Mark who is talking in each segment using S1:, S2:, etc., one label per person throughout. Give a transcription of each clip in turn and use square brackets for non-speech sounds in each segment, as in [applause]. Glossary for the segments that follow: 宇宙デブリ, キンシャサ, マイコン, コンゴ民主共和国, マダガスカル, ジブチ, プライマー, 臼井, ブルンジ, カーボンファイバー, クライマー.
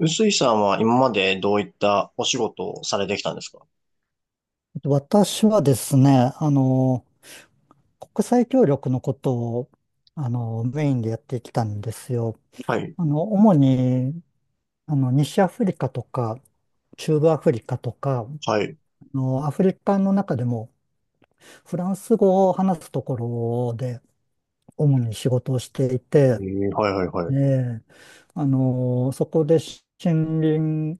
S1: 臼井さんは今までどういったお仕事をされてきたんですか？
S2: 私はですね、国際協力のことを、メインでやってきたんですよ。
S1: はい、
S2: 主に、西アフリカとか、中部アフリカとか、
S1: はい、
S2: アフリカの中でも、フランス語を話すところで、主に仕事をしていて、
S1: はい、はい、は
S2: え
S1: い、
S2: え。そこで森林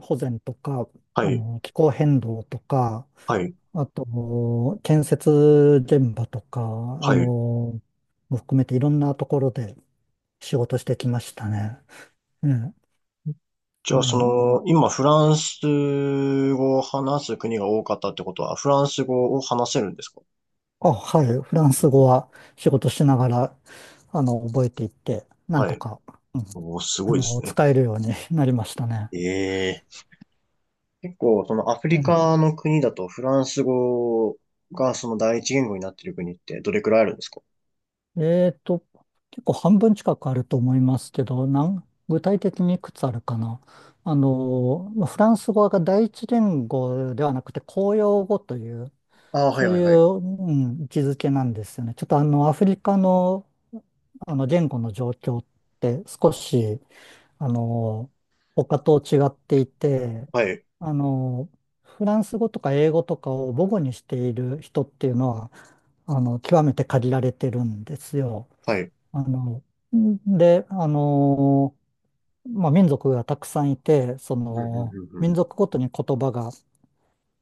S2: 保全とか、
S1: はい、
S2: 気候変動とか、
S1: はい、
S2: あと、建設現場とか、
S1: はい。
S2: の、も含めていろんなところで仕事してきましたね。ええ。
S1: じゃ
S2: う
S1: あ、そ
S2: ん。
S1: の、今、フランス語を話す国が多かったってことは、フランス語を話せるんですか？
S2: あ、はい。フランス
S1: お、
S2: 語は仕事しながら、覚えていって、なん
S1: は
S2: と
S1: い。
S2: か、うん、
S1: お、すごいですね。
S2: 使えるようになりましたね。
S1: ええ、結構、そのアフリ
S2: え
S1: カの国だと、フランス語がその第一言語になってる国ってどれくらいあるんですか？
S2: え。えーと、結構半分近くあると思いますけど、なん、具体的にいくつあるかな。まあフランス語が第一言語ではなくて公用語という、
S1: ああ、はい、
S2: そう
S1: はい、
S2: いう、
S1: はい。
S2: うん、位置づけなんですよね。ちょっとアフリカの、言語の状況って少し、あの、他と違っていて、
S1: はい、
S2: あの、フランス語とか英語とかを母語にしている人っていうのは、極めて限られてるんですよ。
S1: はい。
S2: あの、んで、まあ、民族がたくさんいて、そ
S1: うん、うん、う
S2: の、
S1: ん、うん。
S2: 民族ごとに言葉が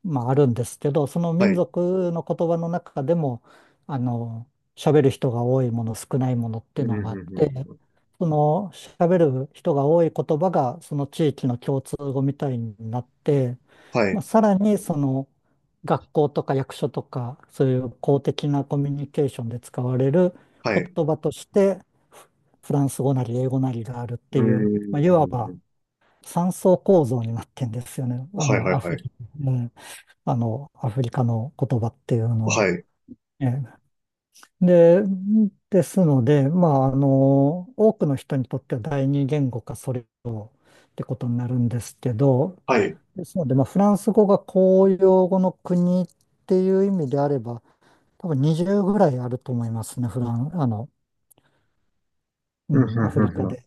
S2: まあ、あるんですけど、その
S1: は
S2: 民
S1: い。
S2: 族の言葉の中でも、あの、喋る人が多いもの、少ないものっていう
S1: うん、う
S2: の
S1: ん、
S2: があ
S1: う
S2: っ
S1: ん、
S2: て、
S1: うん。
S2: その喋る人が多い言葉が、その地域の共通語みたいになって、
S1: は
S2: まあ、
S1: い、
S2: さらにその学校とか役所とか、そういう公的なコミュニケーションで使われる
S1: はい。
S2: 言葉として、フフランス語なり英語なりがあるっ
S1: うー
S2: ていう、まあ、いわば
S1: ん。
S2: 三層構造になってんですよね。
S1: はいはい
S2: ア
S1: は
S2: フ
S1: い。
S2: リカ。アフリカの言葉っていうの
S1: は
S2: は。
S1: い。
S2: ええ。で、ですので、まあ、多くの人にとっては第二言語かそれ以上ってことになるんですけど、
S1: はい。
S2: ですので、まあ、フランス語が公用語の国っていう意味であれば、多分20ぐらいあると思いますね、フラン、う
S1: うんうん
S2: ん、アフリ
S1: うん
S2: カ
S1: うん。
S2: で。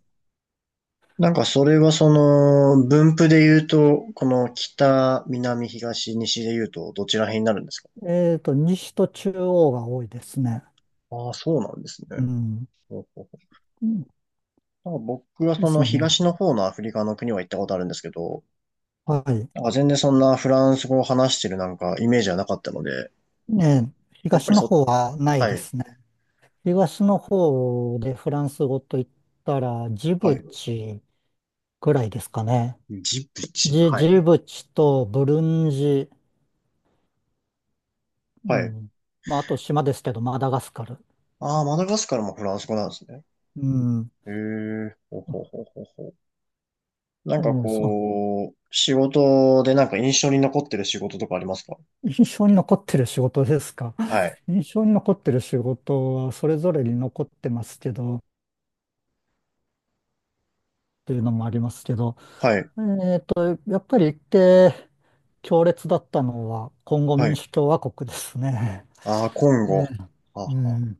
S1: なんかそれはその分布で言うと、この北、南、東、西で言うとどちら辺になるんですか？
S2: えっと、西と中央が多いですね。
S1: ああー、そうなんですね。
S2: うん。
S1: ほうほうほ
S2: うん
S1: う、なんか僕は
S2: で
S1: その
S2: すね。
S1: 東の方のアフリカの国は行ったことあるんですけど、
S2: はい。
S1: なんか全然そんなフランス語を話してるなんかイメージはなかったので、
S2: ねえ、
S1: やっぱ
S2: 東
S1: り
S2: の
S1: そ、
S2: 方はない
S1: は
S2: で
S1: い、
S2: すね。東の方でフランス語と言ったら、ジ
S1: は
S2: ブ
S1: い。
S2: チぐらいですかね。
S1: ジブチ、
S2: ジ、
S1: は
S2: ジ
S1: い。
S2: ブチとブルンジ、う
S1: はい。
S2: ん。まあ、あと島ですけど、マダガスカル。
S1: ああ、マダガスカルもフランス語なんですね。
S2: うん。
S1: へえ、ほうほうほうほうほう。なんか
S2: そう。
S1: こう、仕事でなんか印象に残ってる仕事とかありますか？
S2: 印象に残ってる仕事ですか。
S1: は
S2: [laughs]
S1: い。
S2: 印象に残ってる仕事はそれぞれに残ってますけど、っていうのもありますけど、
S1: はい。
S2: えっと、やっぱり行って強烈だったのは、コンゴ
S1: は
S2: 民
S1: い。
S2: 主共和国ですね。
S1: ああ、今
S2: [laughs] え
S1: 後。
S2: ー
S1: は
S2: う
S1: は。
S2: ん。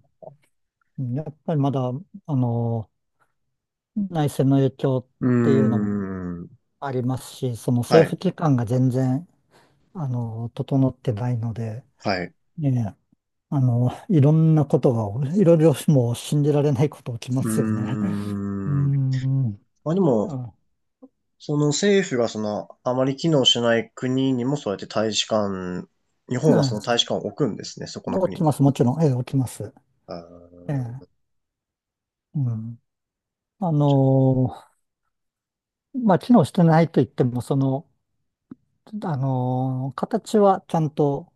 S2: やっぱりまだ、あの、内戦の影響
S1: う
S2: っていう
S1: ー
S2: のも
S1: ん。
S2: ありますし、その
S1: は
S2: 政府
S1: い。
S2: 機関が全然、整ってないので、
S1: はい。
S2: ねえ、いろんなことが、いろいろもう信じられないこと起きま
S1: う
S2: すよね。
S1: ー
S2: [laughs] うー
S1: ん。
S2: ん、
S1: まあでも、
S2: うん、
S1: その政府がその、あまり機能しない国にもそうやって大使館、日
S2: う
S1: 本は
S2: ん。
S1: その大使館を置くんですね、そこの
S2: 起
S1: 国
S2: きま
S1: に。
S2: す、もちろん、ええ、起きます。
S1: あー、
S2: ええ、うん。あの、まあ、機能してないと言っても、その、形はちゃんと、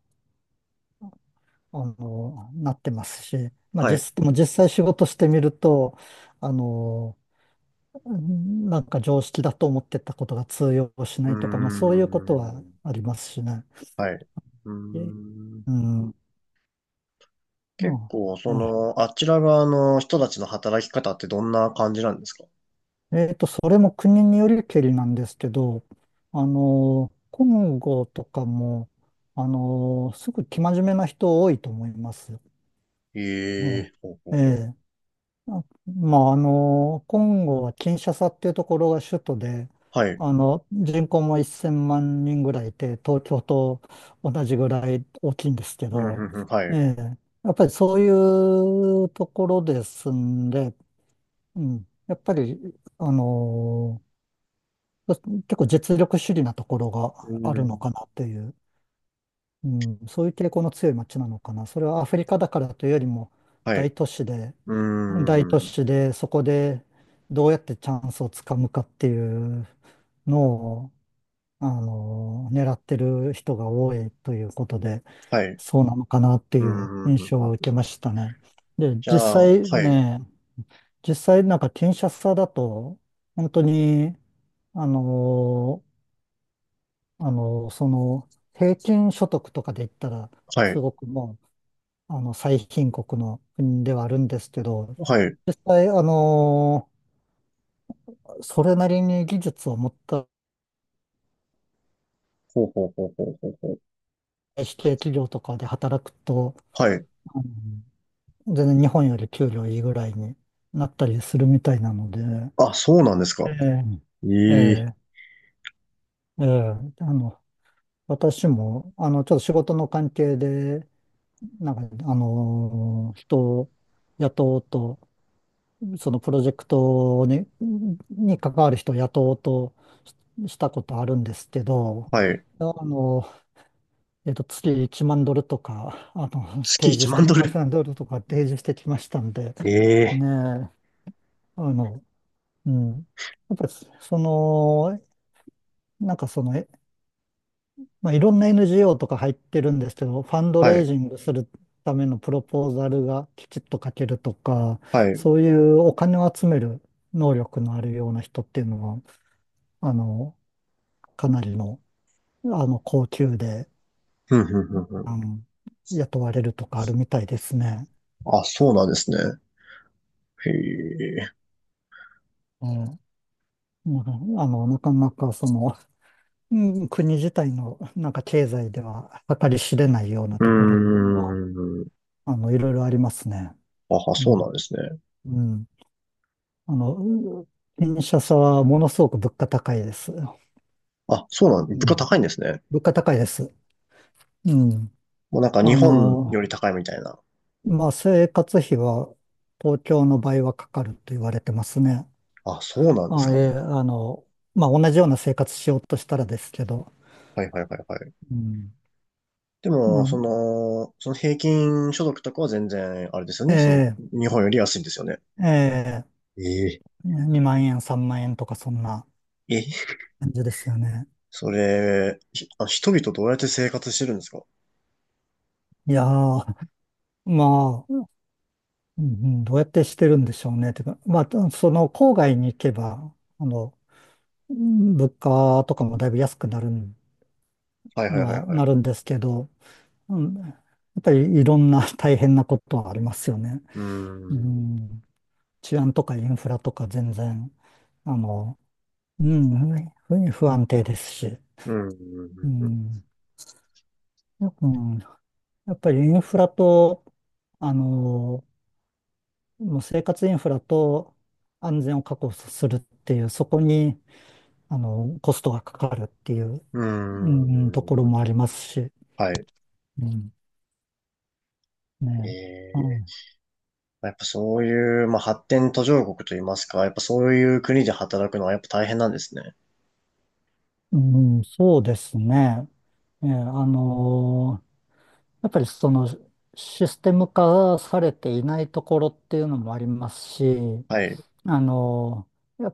S2: なってますし、まあ
S1: はい。
S2: 実、でも実際仕事してみると、あの、うんなんか常識だと思ってたことが通用し
S1: う
S2: な
S1: ー
S2: いとか、まあそういうことは
S1: ん。
S2: ありますしね。
S1: はい。うー
S2: え。
S1: ん。
S2: うん。
S1: 結
S2: ま
S1: 構、
S2: あ、
S1: そ
S2: え
S1: の、あちら側の人たちの働き方ってどんな感じなんですか？
S2: え。それも国によりけりなんですけど、コンゴとかも、すぐ生真面目な人多いと思います。
S1: ええ
S2: ね。
S1: ー、ほうほ
S2: え
S1: うほう。
S2: え。まあ、コンゴはキンシャサっていうところが首都で、
S1: はい。
S2: 人口も1000万人ぐらいいて、東京と同じぐらい大きいんですけ
S1: うん、ふ
S2: ど、
S1: んふん、はい。
S2: ええ、やっぱりそういうところですんで、うん、やっぱり、あの、結構実力主義なところ
S1: う
S2: があるのか
S1: ん、
S2: なっていう。うん、そういう傾向の強い街なのかな。それはアフリカだからというよりも
S1: はい。
S2: 大都市で、
S1: う
S2: 大都
S1: ーん、
S2: 市でそこでどうやってチャンスをつかむかっていうのを、狙ってる人が多いということで、
S1: はい。
S2: そうなのかなってい
S1: うん、
S2: う
S1: ふんふ
S2: 印
S1: ん
S2: 象
S1: ふ
S2: は受
S1: ん。
S2: けましたね。で、
S1: じゃ
S2: 実
S1: あ、は
S2: 際
S1: い、
S2: ね、実際なんかキンシャサだと、本当に、あの、その、平均所得とかで言ったら、
S1: は
S2: す
S1: い、
S2: ごくもう、最貧国の国ではあるんですけど、
S1: はい。
S2: 実際、それなりに技術を持った
S1: ほうほうほうほうほうほう。
S2: 指定企業とかで働くと、
S1: はい。
S2: うん、全然日本より給料いいぐらいになったりするみたいなので、
S1: あ、そうなんです
S2: え
S1: か。え
S2: え、え
S1: えー、
S2: え、ええ、私も、ちょっと仕事の関係で、なんか、人を雇おうと、そのプロジェクトに、に関わる人を雇おうとしたことあるんですけど、
S1: はい。
S2: あの、えっと、月1万ドルとか、
S1: 月
S2: 提示
S1: 1
S2: し
S1: 万
S2: て
S1: ド
S2: きまし
S1: ル。
S2: た、ドルとか提示してきましたんで、
S1: ええ
S2: ねえ、あの、うん。やっぱり、その、なんかその、まあ、いろんな NGO とか入ってるんですけど、ファンド
S1: ー、は
S2: レイ
S1: い、
S2: ジングするためのプロポーザルがきちっと書けるとか、
S1: はい。
S2: そういうお金を集める能力のあるような人っていうのは、あの、かなりの、高級で、
S1: ふんふんふんふん。
S2: あの、雇われるとかあるみたいですね。
S1: あ、そうなんですね。へえ。
S2: うん。うん。なかなかその、うん、国自体のなんか経済では計り知れないような
S1: うー
S2: ところっていうのは、
S1: ん。
S2: いろいろありますね。
S1: あ、
S2: う
S1: そうなん
S2: ん。
S1: ですね。
S2: うん。あの、う車さはものすごく物価高いです。
S1: あ、そうなん、
S2: う
S1: 物価
S2: ん。
S1: 高いんですね。
S2: 物価高いです。うん。
S1: もうなんか日
S2: あ
S1: 本よ
S2: の、
S1: り高いみたいな。
S2: まあ、生活費は東京の倍はかかると言われてますね。
S1: あ、そうなんです
S2: あ、え
S1: か。
S2: え、まあ、同じような生活しようとしたらですけど、
S1: はいはいはいはい。
S2: うん。
S1: で
S2: ま
S1: も、そ
S2: あ、
S1: の、その平均所得とかは全然、あれですよ
S2: え
S1: ね。その、
S2: え、
S1: 日本より安いんですよね。
S2: ええ、
S1: ええ。
S2: 2万円、3万円とかそんな
S1: え、
S2: 感じですよね。
S1: それ、ひあ、人々どうやって生活してるんですか？
S2: いやー、まあ、うん、どうやってしてるんでしょうね。てか、まあ、その郊外に行けば、あの、うん、物価とかもだいぶ安くなる
S1: はいは
S2: の
S1: いはい
S2: は
S1: はい。
S2: なるんですけど、うん、やっぱりいろんな大変なことはありますよね。
S1: う
S2: う
S1: ん。
S2: ん、治安とかインフラとか全然、あの、うん、不安定ですし、
S1: うー
S2: う
S1: ん。
S2: ん、よく、うん、やっぱりインフラと、あの、もう生活インフラと安全を確保するっていう、そこに、コストがかかるっていう、
S1: うー
S2: うん、とこ
S1: ん。
S2: ろ
S1: うーん、
S2: もありますし、
S1: はい。
S2: うん、
S1: え
S2: ね、う
S1: え。
S2: ん、
S1: やっぱそういう、まあ、発展途上国といいますか、やっぱそういう国で働くのはやっぱ大変なんですね。
S2: うん、そうですね。ええ、やっぱりそのシステム化されていないところっていうのもありますし、
S1: はい。
S2: あのー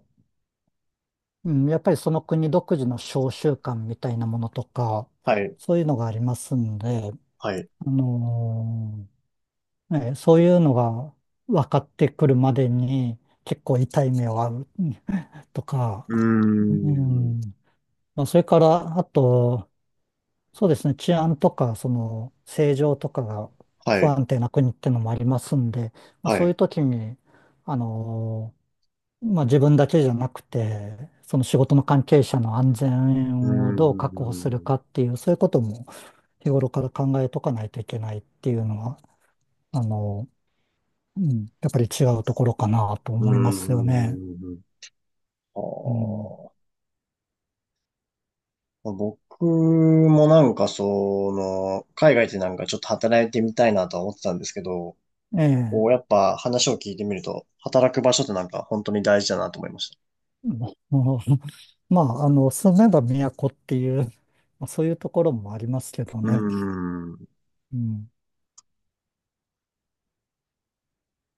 S2: うん、やっぱりその国独自の召集感みたいなものとか、
S1: はい、
S2: そういうのがありますんで、
S1: はい。う
S2: あのね、そういうのが分かってくるまでに結構痛い目を遭う、うん、とか、
S1: ー
S2: う
S1: ん。
S2: ん、まあ、それから、あと、そうですね、治安とか、その、政情とかが
S1: は
S2: 不
S1: い、
S2: 安定な国ってのもありますんで、まあ、
S1: は
S2: そうい
S1: い。
S2: う時に、あのまあ、自分だけじゃなくて、その仕事の関係者の安
S1: うー
S2: 全をどう確保するかっ
S1: ん。
S2: ていう、そういうことも日頃から考えとかないといけないっていうのは、あの、うん、やっぱり違うところかなと
S1: う
S2: 思いますよね。
S1: ーん。あ
S2: うん、
S1: ー、まあ、僕もなんかその、海外でなんかちょっと働いてみたいなとは思ってたんですけど、
S2: ええ。
S1: こうやっぱ話を聞いてみると、働く場所ってなんか本当に大事だなと思いました。
S2: [laughs] もうまあ、住めば都っていう、まあそういうところもありますけど
S1: うー
S2: ね。
S1: ん。
S2: うん。